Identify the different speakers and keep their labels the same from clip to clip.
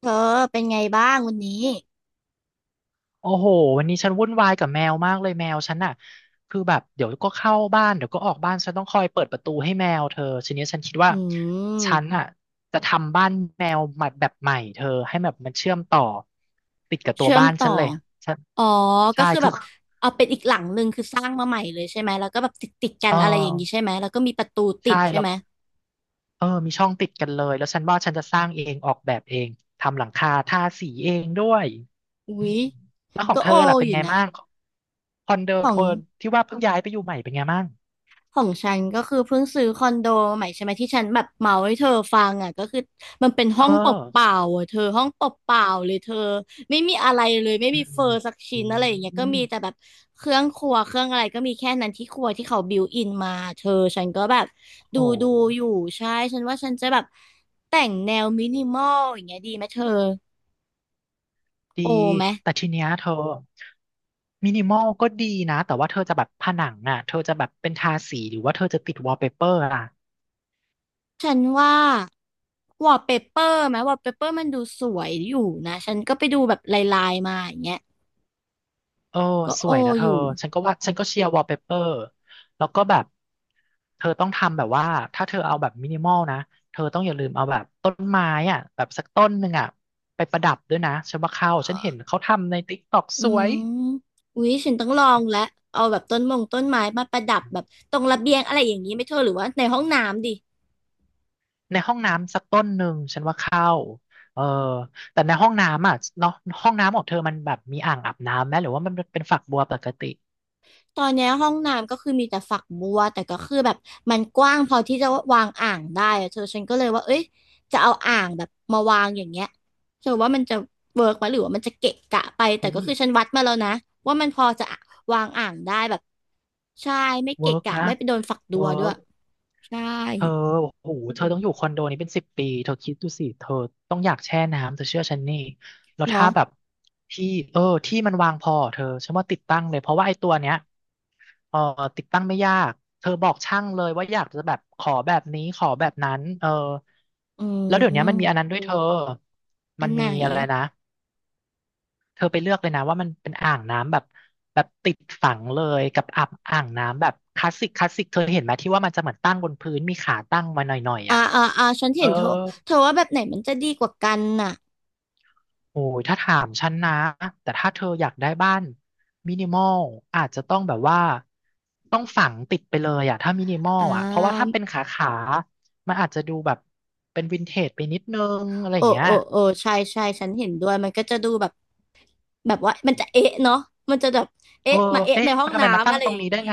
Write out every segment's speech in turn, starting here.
Speaker 1: เธอเป็นไงบ้างวันนี้
Speaker 2: โอ้โหวันนี้ฉันวุ่นวายกับแมวมากเลยแมวฉันน่ะคือแบบเดี๋ยวก็เข้าบ้านเดี๋ยวก็ออกบ้านฉันต้องคอยเปิดประตูให้แมวเธอทีนี้ฉันคิดว่า
Speaker 1: อื
Speaker 2: ฉัน
Speaker 1: ม
Speaker 2: อ่ะจะทำบ้านแมวใหม่แบบใหม่เธอให้แบบมันเชื่อมต่อติดกับตัว
Speaker 1: เชื่อม
Speaker 2: บ้าน
Speaker 1: ต่อ
Speaker 2: ฉันเลยฉัน
Speaker 1: อ๋อก็
Speaker 2: ใช่
Speaker 1: คือ
Speaker 2: คื
Speaker 1: แบ
Speaker 2: อ
Speaker 1: บเอาเป็นอีกหลังหนึ่งคือสร้างมาใหม่เลยใช่ไหมแล้วก็แบบติดติดกั
Speaker 2: เอ
Speaker 1: นอะไรอย่างนี้ใช่
Speaker 2: อ
Speaker 1: ไหมแล้วก็มีประตูติ
Speaker 2: ใช่
Speaker 1: ดใช่
Speaker 2: แล้ว
Speaker 1: ไหม
Speaker 2: เออมีช่องติดกันเลยแล้วฉันว่าฉันจะสร้างเองออกแบบเองทำหลังคาทาสีเองด้วย
Speaker 1: อุ๊
Speaker 2: อืม
Speaker 1: ย
Speaker 2: แล้วของ
Speaker 1: ก็
Speaker 2: เธ
Speaker 1: โอ
Speaker 2: อล่ะเป็
Speaker 1: อ
Speaker 2: น
Speaker 1: ยู่
Speaker 2: ไง
Speaker 1: นะ
Speaker 2: บ้างคอนโด
Speaker 1: ขอ
Speaker 2: เธ
Speaker 1: ง
Speaker 2: อที่ว่าเพิ่งย้ายไปอยู่ใหม่เป็นไงบ้าง
Speaker 1: ของฉันก็คือเพิ่งซื้อคอนโดใหม่ใช่ไหมที่ฉันแบบเมาให้เธอฟังอ่ะก็คือมันเป็น
Speaker 2: เอ
Speaker 1: ห้องเปล่า
Speaker 2: อ
Speaker 1: ๆอ่ะเธอห้องเปล่าๆเลยเธอไม่มีอะไรเลยไม่มีเฟอร์สัก
Speaker 2: อื
Speaker 1: ชิ้นอะไรอย่างเงี้ยก็
Speaker 2: ม
Speaker 1: มีแต่แบบเครื่องครัวเครื่องอะไรก็มีแค่นั้นที่ครัวที่เขาบิวอินมาเธอฉันก็แบบ
Speaker 2: โ
Speaker 1: ดูดู
Speaker 2: ห
Speaker 1: อยู่ใช่ฉันว่าฉันจะแบบแต่งแนวมินิมอลอย่างเงี้ยดีไหมเธอ
Speaker 2: ดี
Speaker 1: โอไหม
Speaker 2: แต่ทีเนี้ยเธอมินิมอลก็ดีนะ แต่ว่าเธอจะแบบผนังอ่ะเธอจะแบบเป็นทาสีหรือว่าเธอจะติดวอลเปเปอร์อ่ะ
Speaker 1: ฉันว่าวอลเปเปอร์ไหมวอลเปเปอร์มันดูสวยอยู่นะฉันก็ไปดูแบบลายๆมาอย่างเงี้ย
Speaker 2: เออ
Speaker 1: ก็
Speaker 2: ส
Speaker 1: โอ
Speaker 2: วยนะเธ
Speaker 1: อ
Speaker 2: อ
Speaker 1: ยู่
Speaker 2: ฉันก็ว่าฉันก็เชียร์วอลเปเปอร์แล้วก็แบบ เธอต้องทำแบบว่า ถ้าเธอเอาแบบมินิมอลนะ เธอต้องอย่าลืมเอาแบบต้นไม้อ่ะแบบสักต้นหนึ่งอ่ะไปประดับด้วยนะฉันว่าเข้าฉันเห็นเขาทำในติ๊กต็อก
Speaker 1: อื
Speaker 2: สวย
Speaker 1: มอุ๊ยฉันต้องลองแล้วเอาแบบต้นมงต้นไม้มาประดับแบบตรงระเบียงอะไรอย่างนี้ไหม่เธอหรือว่าในห้องน้ำดิ
Speaker 2: ในห้องน้ำสักต้นหนึ่งฉันว่าเข้าเออแต่ในห้องน้ำอ่ะเนาะห้องน้ำของเธอมันแบบมีอ่างอาบน้ำไหมหรือว่ามันเป็นฝักบัวปกติ
Speaker 1: ตอนเนี้ยห้องน้ำก็คือมีแต่ฝักบัวแต่ก็คือแบบมันกว้างพอที่จะวางอ่างได้อะเธอฉันก็เลยว่าเอ้ยจะเอาอ่างแบบมาวางอย่างเงี้ยเธอว่ามันจะเวิร์กไหมหรือว่ามันจะเกะกะไปแต่
Speaker 2: เฮ้
Speaker 1: ก็
Speaker 2: ย
Speaker 1: คือฉันวัดมาแล้วนะว่ามันพอจะวางอ่างได้แบบใช่ไม่
Speaker 2: เวิ
Speaker 1: เกะ
Speaker 2: ร์ก
Speaker 1: กะ
Speaker 2: นะ
Speaker 1: ไม่ไปโดนฝักบั
Speaker 2: เวิ
Speaker 1: วด้ว
Speaker 2: ร์
Speaker 1: ย
Speaker 2: ก
Speaker 1: ใช่
Speaker 2: เธอโอ้โหเธอต้องอยู่คอนโดนี้เป็นสิบปีเธอคิดดูสิเธอต้องอยากแช่น้ำเธอเชื่อฉันนี่แล้วถ้า
Speaker 1: เนาะ
Speaker 2: แบบที่เออที่มันวางพอเธอฉันว่าติดตั้งเลยเพราะว่าไอ้ตัวเนี้ย เออติดตั้งไม่ยากเธอบอกช่างเลยว่าอยากจะแบบขอแบบนี้ขอแบบนั้นเออ
Speaker 1: อื
Speaker 2: แล้วเดี๋ยวนี้มันมีอัน
Speaker 1: ม
Speaker 2: นั้นด้วยเธอ
Speaker 1: อั
Speaker 2: มั
Speaker 1: น
Speaker 2: น
Speaker 1: ไหน
Speaker 2: มีอะไรนะเธอไปเลือกเลยนะว่ามันเป็นอ่างน้ำแบบแบบติดฝังเลยกับอ่างอ่างน้ำแบบคลาสสิกเธอเห็นไหมที่ว่ามันจะเหมือนตั้งบนพื้นมีขาตั้งมาหน่อยๆ
Speaker 1: อ่า
Speaker 2: อ่ะ
Speaker 1: อ่าอ่าฉัน
Speaker 2: เอ
Speaker 1: เห็
Speaker 2: อ
Speaker 1: นเธอเธอว่าแบบไหนมันจะดีกว่ากันน่ะ
Speaker 2: โอ้ยถ้าถามฉันนะแต่ถ้าเธออยากได้บ้านมินิมอลอาจจะต้องแบบว่าต้องฝังติดไปเลยอะถ้ามินิมอล
Speaker 1: อ่
Speaker 2: อะเพราะว่าถ้า
Speaker 1: า
Speaker 2: เป็นขามันอาจจะดูแบบเป็นวินเทจไปนิดนึงอะไรอ
Speaker 1: โอ้
Speaker 2: ย่างเงี้ย
Speaker 1: โอ้โอ้ใช่ใช่ฉันเห็นด้วยมันก็จะดูแบบแบบว่ามันจะเอ๊ะเนาะมันจะแบบ
Speaker 2: เอ
Speaker 1: เอ๊ะ
Speaker 2: อ
Speaker 1: มาเอ๊ะ
Speaker 2: เอ๊ะ
Speaker 1: ในห้อ
Speaker 2: มัน
Speaker 1: ง
Speaker 2: ทำไมมา
Speaker 1: น้ำ
Speaker 2: ตั้ง
Speaker 1: อะไร
Speaker 2: ตรง
Speaker 1: อย่าง
Speaker 2: นี้ได้
Speaker 1: นี้
Speaker 2: ไง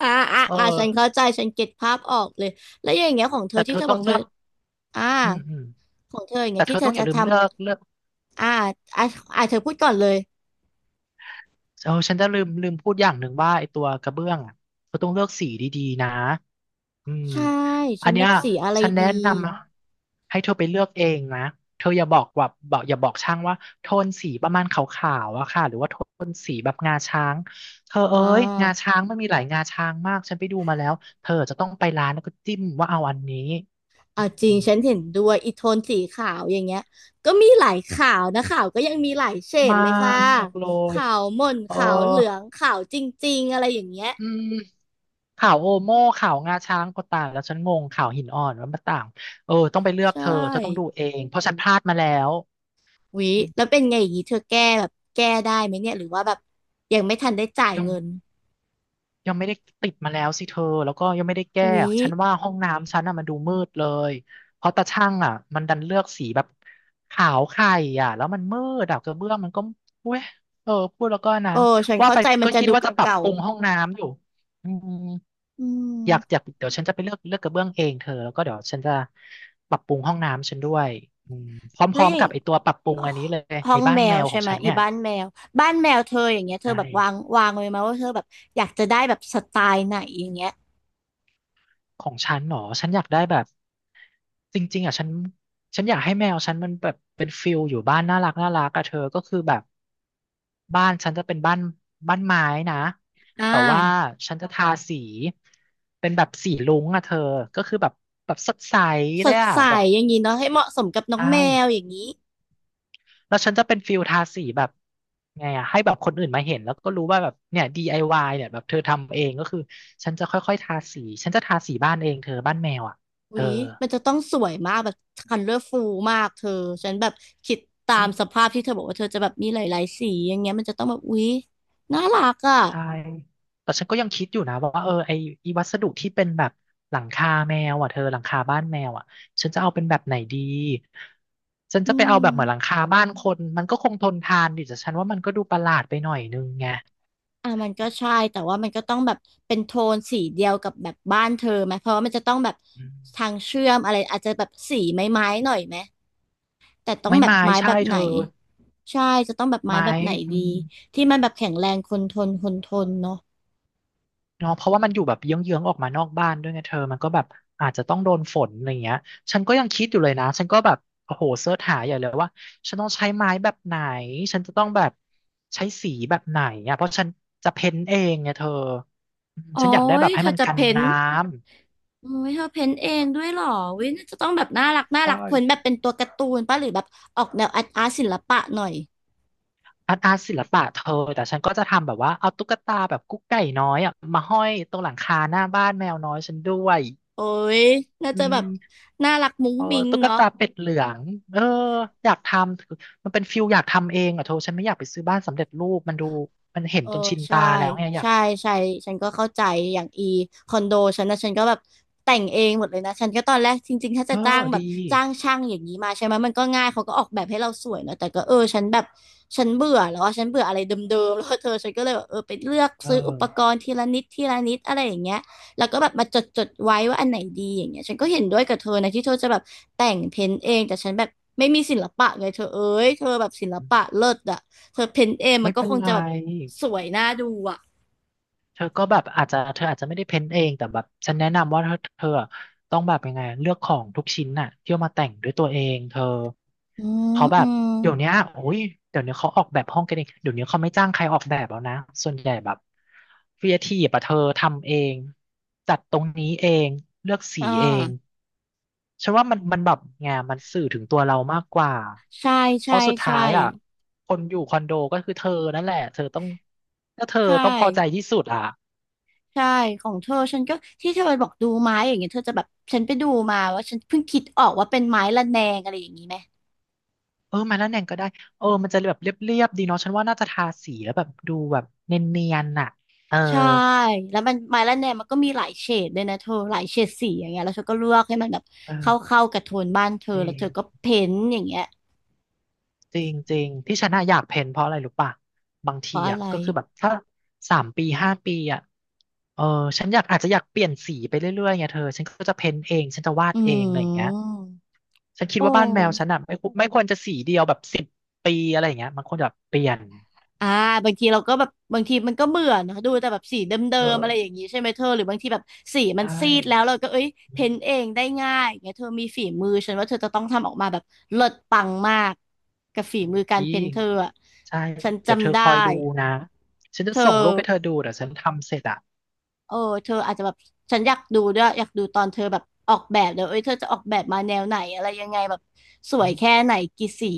Speaker 1: อ่าอ่า
Speaker 2: เอ
Speaker 1: อ่าฉันเข้า
Speaker 2: อ
Speaker 1: ใจฉันเก็ตภาพออกเลยแล้วอย่างเงี้ยของเธอ
Speaker 2: แต่เธ
Speaker 1: ที่เธ
Speaker 2: อ
Speaker 1: อบ
Speaker 2: ต้อ
Speaker 1: อ
Speaker 2: ง
Speaker 1: กเธ
Speaker 2: เลื
Speaker 1: อ
Speaker 2: อก
Speaker 1: อ่า
Speaker 2: อืม
Speaker 1: ของเธออย่าง
Speaker 2: แต่
Speaker 1: เงี้ย
Speaker 2: เธ
Speaker 1: ที่
Speaker 2: อ
Speaker 1: เธ
Speaker 2: ต้อ
Speaker 1: อ
Speaker 2: งอ
Speaker 1: จะ
Speaker 2: ย่าลื
Speaker 1: ท
Speaker 2: มเลือก
Speaker 1: ำอ่าอ่าอ่าเธอพูดก่อนเลย
Speaker 2: เออฉันจะลืมพูดอย่างหนึ่งว่าไอตัวกระเบื้องอ่ะเขาต้องเลือกสีดีๆนะอืม
Speaker 1: ใช่ฉั
Speaker 2: อัน
Speaker 1: น
Speaker 2: เนี้
Speaker 1: ดั
Speaker 2: ย
Speaker 1: บสีอะไร
Speaker 2: ฉัน
Speaker 1: ดี
Speaker 2: แนะนำนะให้เธอไปเลือกเองนะเธออย่าบอกว่าบอกอย่าบอกช่างว่าโทนสีประมาณขาวๆอะค่ะหรือว่าโทนสีแบบงาช้างเธอ
Speaker 1: อ่
Speaker 2: เอ้ยงา
Speaker 1: า
Speaker 2: ช้างมันมีหลายงาช้างมากฉันไปดูมาแล้วเธอจะต้องไปร้านแล้วก็จิ้มว่าเอาอันนี้
Speaker 1: อ่าจริ
Speaker 2: อื
Speaker 1: ง
Speaker 2: ม
Speaker 1: ฉันเห็นด้วยอีโทนสีขาวอย่างเงี้ยก็มีหลายขาวนะขาวก็ยังมีหลายเฉด
Speaker 2: มา
Speaker 1: เลยค่ะ
Speaker 2: กเลย
Speaker 1: ขาวหม่น
Speaker 2: เออ
Speaker 1: ขาวเหลืองขาวจริงๆอะไรอย่างเงี้ย
Speaker 2: อืมขาวโอโม่ขาวงาช้างก็ต่างแล้วฉันงงขาวหินอ่อนว่ามันต่างเออต้องไปเลือก
Speaker 1: ใช
Speaker 2: เธอเธอต้องดู
Speaker 1: ่
Speaker 2: เองเพราะฉันพลาดมาแล้วอื
Speaker 1: แล้ว
Speaker 2: ม
Speaker 1: เป็นไงอย่างงี้เธอแก้แบบแก้ได้ไหมเนี่ยหรือว่าแบบยังไม่ทันได้จ่าย
Speaker 2: ยัง
Speaker 1: เงิน
Speaker 2: ยังไม่ได้ติดมาแล้วสิเธอแล้วก็ยังไม่ได้
Speaker 1: ว
Speaker 2: แก้
Speaker 1: ิ
Speaker 2: ฉันว่าห้องน้ำฉันอ่ะมันดูมืดเลยเพราะตาช่างอ่ะมันดันเลือกสีแบบขาวไข่อ่ะแล้วมันมืดอ่ะกระเบื้องมันก็เว้ยเออพูดแล้วก็อันนั้
Speaker 1: โอ้
Speaker 2: น
Speaker 1: ฉัน
Speaker 2: ว่า
Speaker 1: เข้า
Speaker 2: ไป
Speaker 1: ใจมัน
Speaker 2: ก็
Speaker 1: จะ
Speaker 2: คิด
Speaker 1: ดู
Speaker 2: ว่า
Speaker 1: เ
Speaker 2: จะปรับ
Speaker 1: ก่า
Speaker 2: ปรุงห้องน้ำอยู่อืม
Speaker 1: ๆอืม
Speaker 2: อยากอยากเดี๋ยวฉันจะไปเลือกเลือกกระเบื้องเองเธอแล้วก็เดี๋ยวฉันจะปรับปรุงห้องน้ำฉันด้วยอืมพ
Speaker 1: แล้ว
Speaker 2: ร้อ
Speaker 1: อ
Speaker 2: ม
Speaker 1: ย่า
Speaker 2: ๆ
Speaker 1: ง
Speaker 2: กับไอตัวปรับปรุง
Speaker 1: อ๋อ
Speaker 2: อันนี้เลย
Speaker 1: ห้อ
Speaker 2: ไอ
Speaker 1: ง
Speaker 2: บ้าน
Speaker 1: แม
Speaker 2: แม
Speaker 1: ว
Speaker 2: วข
Speaker 1: ใช่
Speaker 2: อง
Speaker 1: ไหม
Speaker 2: ฉัน
Speaker 1: อี
Speaker 2: เนี่ย
Speaker 1: บ้านแมวบ้านแมวเธออย่างเงี้ยเธอ
Speaker 2: ได้
Speaker 1: แบบวางวางไว้ไหมว่าเธอแบบอยากจะได้แบบสไตล์ไหนอย่างเงี้ย
Speaker 2: ของฉันหนอฉันอยากได้แบบจริงๆอ่ะฉันอยากให้แมวฉันมันแบบเป็นฟิลอยู่บ้านน่ารักน่ารักอะเธอก็คือแบบบ้านฉันจะเป็นบ้านไม้นะ
Speaker 1: อ่า
Speaker 2: แต่ว่าฉันจะทาสีเป็นแบบสีรุ้งอะเธอก็คือแบบแบบสดใส
Speaker 1: ส
Speaker 2: เลย
Speaker 1: ด
Speaker 2: อะ
Speaker 1: ใส
Speaker 2: แบบ
Speaker 1: อย่างนี้เนาะให้เหมาะสมกับน้
Speaker 2: ใช
Speaker 1: องแมวอ
Speaker 2: ่
Speaker 1: ย่างนี้
Speaker 2: แล้วฉันจะเป็นฟิลทาสีแบบไงอะให้แบบคนอื่นมาเห็นแล้วก็รู้ว่าแบบเนี่ย DIY เนี่ยแบบเธอทำเองก็คือฉันจะค่อยๆทาสีฉันจะทาสีบ้านเองเธอบ้านแมวอ่ะ
Speaker 1: อุ๊
Speaker 2: เออ
Speaker 1: ยมันจะต้องสวยมากแบบคันเลอร์ฟูมากเธอฉันแบบคิดตา
Speaker 2: ฉัน
Speaker 1: มสภาพที่เธอบอกว่าเธอจะแบบมีหลายๆสีอย่างเงี้ยมันจะต้องแบบอุ๊ยน่ารักอ่ะ
Speaker 2: ใช่แต่ฉันก็ยังคิดอยู่นะว่าเออไอวัสดุที่เป็นแบบหลังคาแมวอ่ะเธอหลังคาบ้านแมวอ่ะฉันจะเอาเป็นแบบไหนดีฉัน
Speaker 1: อื
Speaker 2: จะไปเอาแบบเหมือนหลัง
Speaker 1: ม
Speaker 2: คาบ้านคนมันก็คงทนทานดิแต่ฉันว่ามันก็ดูประหลาดไปหน่อยนึงไง
Speaker 1: อ่ะมันก็ใช่แต่ว่ามันก็ต้องแบบเป็นโทนสีเดียวกับแบบบ้านเธอไหมเพราะว่ามันจะต้องแบบ
Speaker 2: อื
Speaker 1: ทา
Speaker 2: ม
Speaker 1: งเชื่อมอะไรอาจจะแบบสีไม้ๆหน่อยไหมแต่ต้อง
Speaker 2: ไม้
Speaker 1: แบบ
Speaker 2: ไม้
Speaker 1: ไม้
Speaker 2: ใช่
Speaker 1: แบบ
Speaker 2: เธ
Speaker 1: ไหน
Speaker 2: อ
Speaker 1: ใช่จะต้องแบบไม้
Speaker 2: ไม้
Speaker 1: แบบไหน
Speaker 2: อื
Speaker 1: ดี
Speaker 2: ม
Speaker 1: ที่มันแบบแข็งแรงคนทนคนทนเนาะ
Speaker 2: เนาะเพราะว่ามันอยู่แบบเยื้องๆออกมานอกบ้านด้วยไงเธอมันก็แบบอาจจะต้องโดนฝนอะไรเงี้ยฉันก็ยังคิดอยู่เลยนะฉันก็แบบโอ้โหเสิร์ชหาใหญ่เลยว่าฉันต้องใช้ไม้แบบไหนฉันจะต้องแบบใช้สีแบบไหนอ่ะเพราะฉันจะเพ้นท์เองไงเธออืม
Speaker 1: โอ้
Speaker 2: ฉันอยากได้แบ
Speaker 1: ย
Speaker 2: บให้
Speaker 1: เธอ
Speaker 2: มัน
Speaker 1: จะ
Speaker 2: กัน
Speaker 1: เพ้น
Speaker 2: น้
Speaker 1: ท์โอ้ยเธอเพ้นท์เองด้วยเหรอน่าจะต้องแบบน่ารัก
Speaker 2: ำ
Speaker 1: น่า
Speaker 2: ใช่
Speaker 1: รักเพ้นท์แบบเป็นตัวการ์ตูนป่ะหรือแบบออกแนวอาร์ตอาร์ตศิลปะหน่อย
Speaker 2: อาร์ตอาร์ตศิลปะเธอแต่ฉันก็จะทำแบบว่าเอาตุ๊กตาแบบกุ๊กไก่น้อยอ่ะมาห้อยตรงหลังคาหน้าบ้านแมวน้อยฉันด้วย
Speaker 1: โอ้ยน่า
Speaker 2: อื
Speaker 1: จะแบบ
Speaker 2: ม
Speaker 1: น่ารักมุ้ง
Speaker 2: เออ
Speaker 1: มิ้ง
Speaker 2: ตุ๊ก
Speaker 1: เนาะ
Speaker 2: ตาเป็ดเหลืองเอออยากทำมันเป็นฟิลอยากทำเองอ่ะโทฉันไม่อยากไปซื้อบ้านสำเร็จรูปมันดูมันเห็น
Speaker 1: เออ
Speaker 2: จนชิน
Speaker 1: ใช่
Speaker 2: ตาแล้วไงอยาก
Speaker 1: ใช่ใช่ฉันก็เข้าใจอย่างอีคอนโดฉันนะฉันก็แบบแต่งเองหมดเลยนะฉันก็ตอนแรกจริงๆถ้า
Speaker 2: เอ
Speaker 1: จะ
Speaker 2: อ
Speaker 1: จ้างแบ
Speaker 2: ดี
Speaker 1: บจ้างช่างอย่างนี้มาใช่ไหมมันก็ง่ายเขาก็ออกแบบให้เราสวยเนอะแต่ก็เออฉันแบบฉันเบื่อแล้วอะฉันเบื่ออะไรเดิมๆแล้วเธอฉันก็เลยแบบเออไปเลือก
Speaker 2: เอ
Speaker 1: ซื้ออุปก
Speaker 2: อ
Speaker 1: รณ์ทีละนิดทีละนิดอะไรอย่างเงี้ย แล้วก็แบบมาจดจดไว้ว่าอันไหนดีอย่างเงี้ยฉันก็เห็นด้วยกับเธอนะที่เธอจะแบบแต่งเพ้นท์เองแต่ฉันแบบไม่มีศิลปะไงเธอเอ้ยเธอแบบศิลปะเลิศอะเธอเพ้นท์เองมั
Speaker 2: ไม่
Speaker 1: นก็
Speaker 2: เป็น
Speaker 1: คง
Speaker 2: ไร
Speaker 1: จะแบบสวยน่าดูอะ
Speaker 2: เธอก็แบบอาจจะเธออาจจะไม่ได้เพ้นเองแต่แบบฉันแนะนำว่าเธอต้องแบบยังไงเลือกของทุกชิ้นน่ะที่เอามาแต่งด้วยตัวเองเธอ
Speaker 1: อืม
Speaker 2: เขาแบ
Speaker 1: อื
Speaker 2: บ
Speaker 1: ม
Speaker 2: เดี๋ยวเนี้ยโอ้ยเดี๋ยวนี้เขาออกแบบห้องกันเองเดี๋ยวนี้เขาไม่จ้างใครออกแบบแล้วนะส่วนใหญ่แบบครีเอทีฟอะเธอทำเองจัดตรงนี้เองเลือกสี
Speaker 1: อ่า
Speaker 2: เองฉันว่ามันแบบไงมันสื่อถึงตัวเรามากกว่า
Speaker 1: ใช่
Speaker 2: เพ
Speaker 1: ใช่
Speaker 2: ราะสุดท้า
Speaker 1: ใช่
Speaker 2: ยอ่ะคนอยู่คอนโดก็คือเธอนั่นแหละเธอต้องก็เธอ
Speaker 1: ใช่
Speaker 2: ต้องพอใจที่สุดอ่ะ
Speaker 1: ใช่ของเธอฉันก็ที่เธอบอกดูไม้อย่างเงี้ยเธอจะแบบฉันไปดูมาว่าฉันเพิ่งคิดออกว่าเป็นไม้ระแนงอะไรอย่างงี้ไหม
Speaker 2: เออมาแลวแหน่งก็ได้เออมันจะแบบเรียบๆดีเนาะฉันว่าน่าจะทาสีแล้วแบบดูแบบเนียนๆน่ะเออ
Speaker 1: ใช่แล้วมันไมล่าแนมมันก็มีหลายเฉดด้วยนะเธอหลายเฉดสีอย่างเงี้ยแล้วเธอก็เลือกให้มันแบบเข้า
Speaker 2: เออ
Speaker 1: เข้ากับโทนบ้านเธอ
Speaker 2: จริ
Speaker 1: แล้วเธ
Speaker 2: ง
Speaker 1: อก็เพ้นท์อย่างเงี้ย
Speaker 2: จริงจริงที่ฉันน่ะอยากเพ้นเพราะอะไรรู้ป่ะบาง
Speaker 1: เพ
Speaker 2: ที
Speaker 1: ราะอะ
Speaker 2: อ่ะ
Speaker 1: ไร
Speaker 2: ก็คือแบบถ้า3 ปี5 ปีอ่ะเออฉันอยากอาจจะอยากเปลี่ยนสีไปเรื่อยๆไงเธอฉันก็จะเพ้นเองฉันจะวาด
Speaker 1: อื
Speaker 2: เองอะไรอย่างเงี้ย
Speaker 1: ม
Speaker 2: ฉันคิ
Speaker 1: โอ
Speaker 2: ดว่าบ้านแมวฉัน
Speaker 1: ้
Speaker 2: อ่ะไม่ควรจะสีเดียวแบบ10 ปีอะไรอย่างเงี้ยมันควรจะแบบเปลี่ยน
Speaker 1: อ่าบางทีเราก็แบบบางทีมันก็เบื่อเนอะดูแต่แบบสีเดิ
Speaker 2: เอ
Speaker 1: มๆอะไรอย่า
Speaker 2: อ
Speaker 1: งงี้ใช่ไหมเธอหรือบางทีแบบสีมัน
Speaker 2: ใช่
Speaker 1: ซีดแล้วเราก็เอ้ยเพ้นท์เองได้ง่ายอย่างเงี้ยเธอมีฝีมือฉันว่าเธอจะต้องทำออกมาแบบเลิศปังมากกับฝีมือการเพ้นท์เธอ
Speaker 2: อี
Speaker 1: อะ
Speaker 2: ใช่
Speaker 1: ฉัน
Speaker 2: เดี๋ยวเธ
Speaker 1: จำ
Speaker 2: อ
Speaker 1: ได้
Speaker 2: คอยดูนะฉัน
Speaker 1: เธ
Speaker 2: จะ
Speaker 1: อ
Speaker 2: ส่งรูปให้เธอดูเดี๋ยวฉันทำเสร็จอ่ะ
Speaker 1: เออเธออาจจะแบบฉันอยากดูด้วยอยากดูตอนเธอแบบออกแบบเลยเอ้ยเธอจะออกแบบมาแนวไหนอะไรยังไงแบบสว
Speaker 2: อื
Speaker 1: ยแค่
Speaker 2: ม
Speaker 1: ไหนกี่สี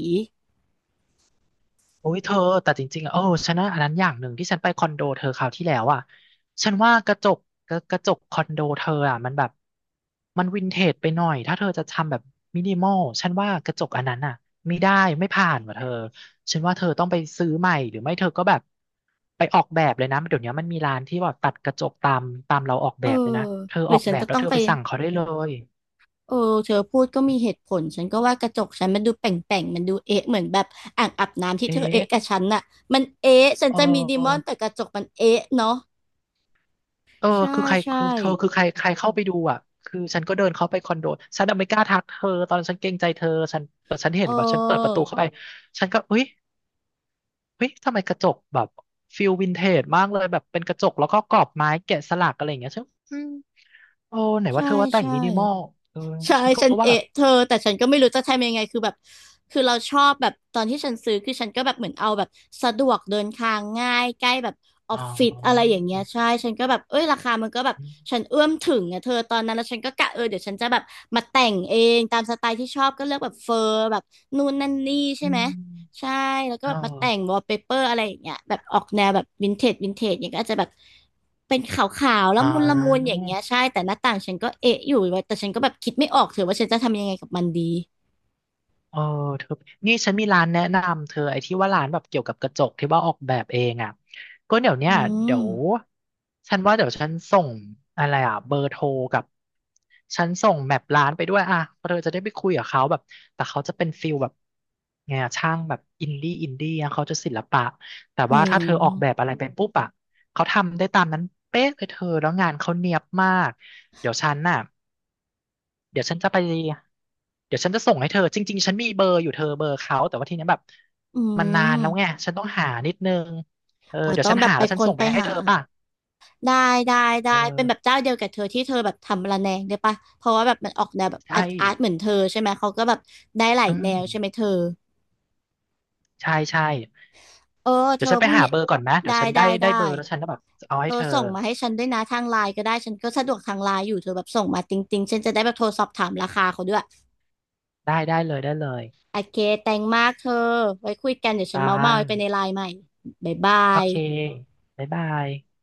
Speaker 2: โอ้ยเธอแต่จริงๆอ่ะโอ้ฉันนะอันนั้นอย่างหนึ่งที่ฉันไปคอนโดเธอคราวที่แล้วอ่ะฉันว่ากระจกกระจกคอนโดเธออ่ะมันแบบมันวินเทจไปหน่อยถ้าเธอจะทำแบบมินิมอลฉันว่ากระจกอันนั้นอ่ะไม่ได้ไม่ผ่านว่ะเธอฉันว่าเธอต้องไปซื้อใหม่หรือไม่เธอก็แบบไปออกแบบเลยนะเดี๋ยวนี้มันมีร้านที่แบบตัดกระจกตามเราออก
Speaker 1: เอ
Speaker 2: แบ
Speaker 1: อ
Speaker 2: บเลยนะเธอ
Speaker 1: หรื
Speaker 2: อ
Speaker 1: อ
Speaker 2: อก
Speaker 1: ฉั
Speaker 2: แบ
Speaker 1: น
Speaker 2: บ
Speaker 1: จะ
Speaker 2: แล้ว
Speaker 1: ต้อง
Speaker 2: เธอ
Speaker 1: ไป
Speaker 2: ไปสั่งเขาได้เลย
Speaker 1: เออเธอพูดก็มีเหตุผลฉันก็ว่ากระจกฉันมันดูแป่งๆมันดูเอ๊ะเหมือนแบบอ่างอาบน้ำที่
Speaker 2: เอ๊
Speaker 1: เธอเอ๊ะกับ
Speaker 2: ะ
Speaker 1: ฉันน่ะมันเอ๊ะฉัน
Speaker 2: เ
Speaker 1: จะมีดีมอน
Speaker 2: ออ
Speaker 1: แต่กระจกมันเอ๊ะเนาะ
Speaker 2: เออ
Speaker 1: ใช่
Speaker 2: คือใคร
Speaker 1: ใช่
Speaker 2: คือเธอคือใครใครเข้าไปดูอ่ะคือฉันก็เดินเข้าไปคอนโดฉันน่ะไม่กล้าทักเธอตอนนั้นฉันเกรงใจเธอ ฉันแต่ฉัน
Speaker 1: เ
Speaker 2: เห็นแบบฉันเปิดประตู
Speaker 1: ออ
Speaker 2: เข้าไป ฉันก็เฮ้ยเฮ้ยทำไมกระจกแบบฟิลวินเทจมากเลยแบบเป็นกระจกแล้วก็กรอบไม้แกะสลักอะไรอย่างเงี้ยฉันอืมโอ้ไหนว่า
Speaker 1: ใช่
Speaker 2: เธอว่าแต่ง
Speaker 1: ใช่
Speaker 2: มินิมอลเออ
Speaker 1: ใช่
Speaker 2: ฉันก็
Speaker 1: ฉัน
Speaker 2: ว่าแบบ
Speaker 1: เอะเธอแต่ฉันก็ไม่รู้จะทำยังไงคือแบบคือเราชอบแบบตอนที่ฉันซื้อคือฉันก็แบบเหมือนเอาแบบสะดวกเดินทางง่ายใกล้แบบออ
Speaker 2: อ๋
Speaker 1: ฟ
Speaker 2: อ
Speaker 1: ฟิศอะไรอย่างเงี้ยใช่ฉันก็แบบเอ้ยราคามันก็แบบฉันเอื้อมถึงอะเธอตอนนั้นแล้วฉันก็กะเออเดี๋ยวฉันจะแบบมาแต่งเองตามสไตล์ที่ชอบก็เลือกแบบเฟอร์แบบนู่นนั่นนี่ใช่
Speaker 2: อื
Speaker 1: ไหม
Speaker 2: ม
Speaker 1: ใช่แล้วก็
Speaker 2: อ๋
Speaker 1: แบ
Speaker 2: อ
Speaker 1: บมาแต่งวอลเปเปอร์อะไรอย่างเงี้ยแบบออกแนวแบบวินเทจวินเทจอย่างเงี้ยก็อาจจะแบบเป็นขาวๆละ
Speaker 2: อ๋
Speaker 1: มุนละมุนอ
Speaker 2: อ
Speaker 1: ย่างเงี้ยใช่แต่หน้าต่างฉันก็เอะอยู่ว่าแต่ฉันก็แบบคิดไม่ออกเถอะว่าฉันจะทำยังไงกับมันดี
Speaker 2: เออเธอนี่ฉันมีร้านแนะนำเธอไอ้ที่ว่าร้านแบบเกี่ยวกับกระจกที่ว่าออกแบบเองอ่ะก็เดี๋ยวเนี้
Speaker 1: อื
Speaker 2: ยเดี๋ยว
Speaker 1: ม
Speaker 2: ฉันว่าเดี๋ยวฉันส่งอะไรอ่ะเบอร์โทรกับฉันส่งแมปร้านไปด้วยอ่ะเพราะเธอจะได้ไปคุยกับเขาแบบแต่เขาจะเป็นฟิลแบบไงอะช่างแบบอินดี้อะเขาจะศิลปะแต่
Speaker 1: อื
Speaker 2: ว่าถ้าเธอออกแบบ
Speaker 1: ม
Speaker 2: อะไรเป็นปุ๊บอ่ะเขาทำได้ตามนั้นเป๊ะเลยเธอแล้วงานเขาเนียบมากเดี๋ยวฉันน่ะ เดี๋ยวฉันจะไปเดี๋ยวฉันจะส่งให้เธอจริงๆฉันมีเบอร์อยู่เธอเบอร์เขาแต่ว่าทีเนี้ยแบบ
Speaker 1: อื
Speaker 2: มันนานแล้วไง
Speaker 1: ม
Speaker 2: ฉันต้องหานิดนึงเออ
Speaker 1: อ๋อ
Speaker 2: เดี๋ยว
Speaker 1: ต้อ
Speaker 2: ฉั
Speaker 1: ง
Speaker 2: น
Speaker 1: แบบ
Speaker 2: หา
Speaker 1: ไป
Speaker 2: แล้วฉั
Speaker 1: ค
Speaker 2: น
Speaker 1: น
Speaker 2: ส่ง
Speaker 1: ไป
Speaker 2: ไปให้
Speaker 1: หา
Speaker 2: เธอป่ะ
Speaker 1: ได้ได้ได้
Speaker 2: เอ
Speaker 1: เป็น
Speaker 2: อ
Speaker 1: แบบเจ้าเดียวกับเธอที่เธอแบบทำระแนงได้ปะเพราะว่าแบบมันออกแนวแบบ
Speaker 2: ใช่
Speaker 1: อาร์ตอาร์ตเหมือนเธอใช่ไหมเขาก็แบบได้หลาย
Speaker 2: อื
Speaker 1: แน
Speaker 2: ม
Speaker 1: วใช่ไหมเธอ
Speaker 2: ใช่ใช่
Speaker 1: เออเธ
Speaker 2: เดี๋ยว
Speaker 1: อ
Speaker 2: ฉันไป
Speaker 1: พรุ่ง
Speaker 2: หา
Speaker 1: นี้
Speaker 2: เบอร์ก่อนนะเดี๋ย
Speaker 1: ได้
Speaker 2: วฉันได้
Speaker 1: ได้ได้
Speaker 2: เบอร์แล้วฉันก็แบบเอา
Speaker 1: เธ
Speaker 2: ให้
Speaker 1: อ
Speaker 2: เธอ
Speaker 1: ส่งมาให้ฉันด้วยนะทางไลน์ก็ได้ฉันก็สะดวกทางไลน์อยู่เธอแบบส่งมาติงๆฉันจะได้แบบโทรสอบถามราคาเขาด้วย
Speaker 2: ได้ได้เลยได้เลย
Speaker 1: โอเคแตงมากเธอไว้คุยกันเดี๋ยวฉั
Speaker 2: ตา
Speaker 1: นเมาไปในไลน์ใหม่บ๊ายบา
Speaker 2: โอเค
Speaker 1: ย
Speaker 2: บ๊ายบาย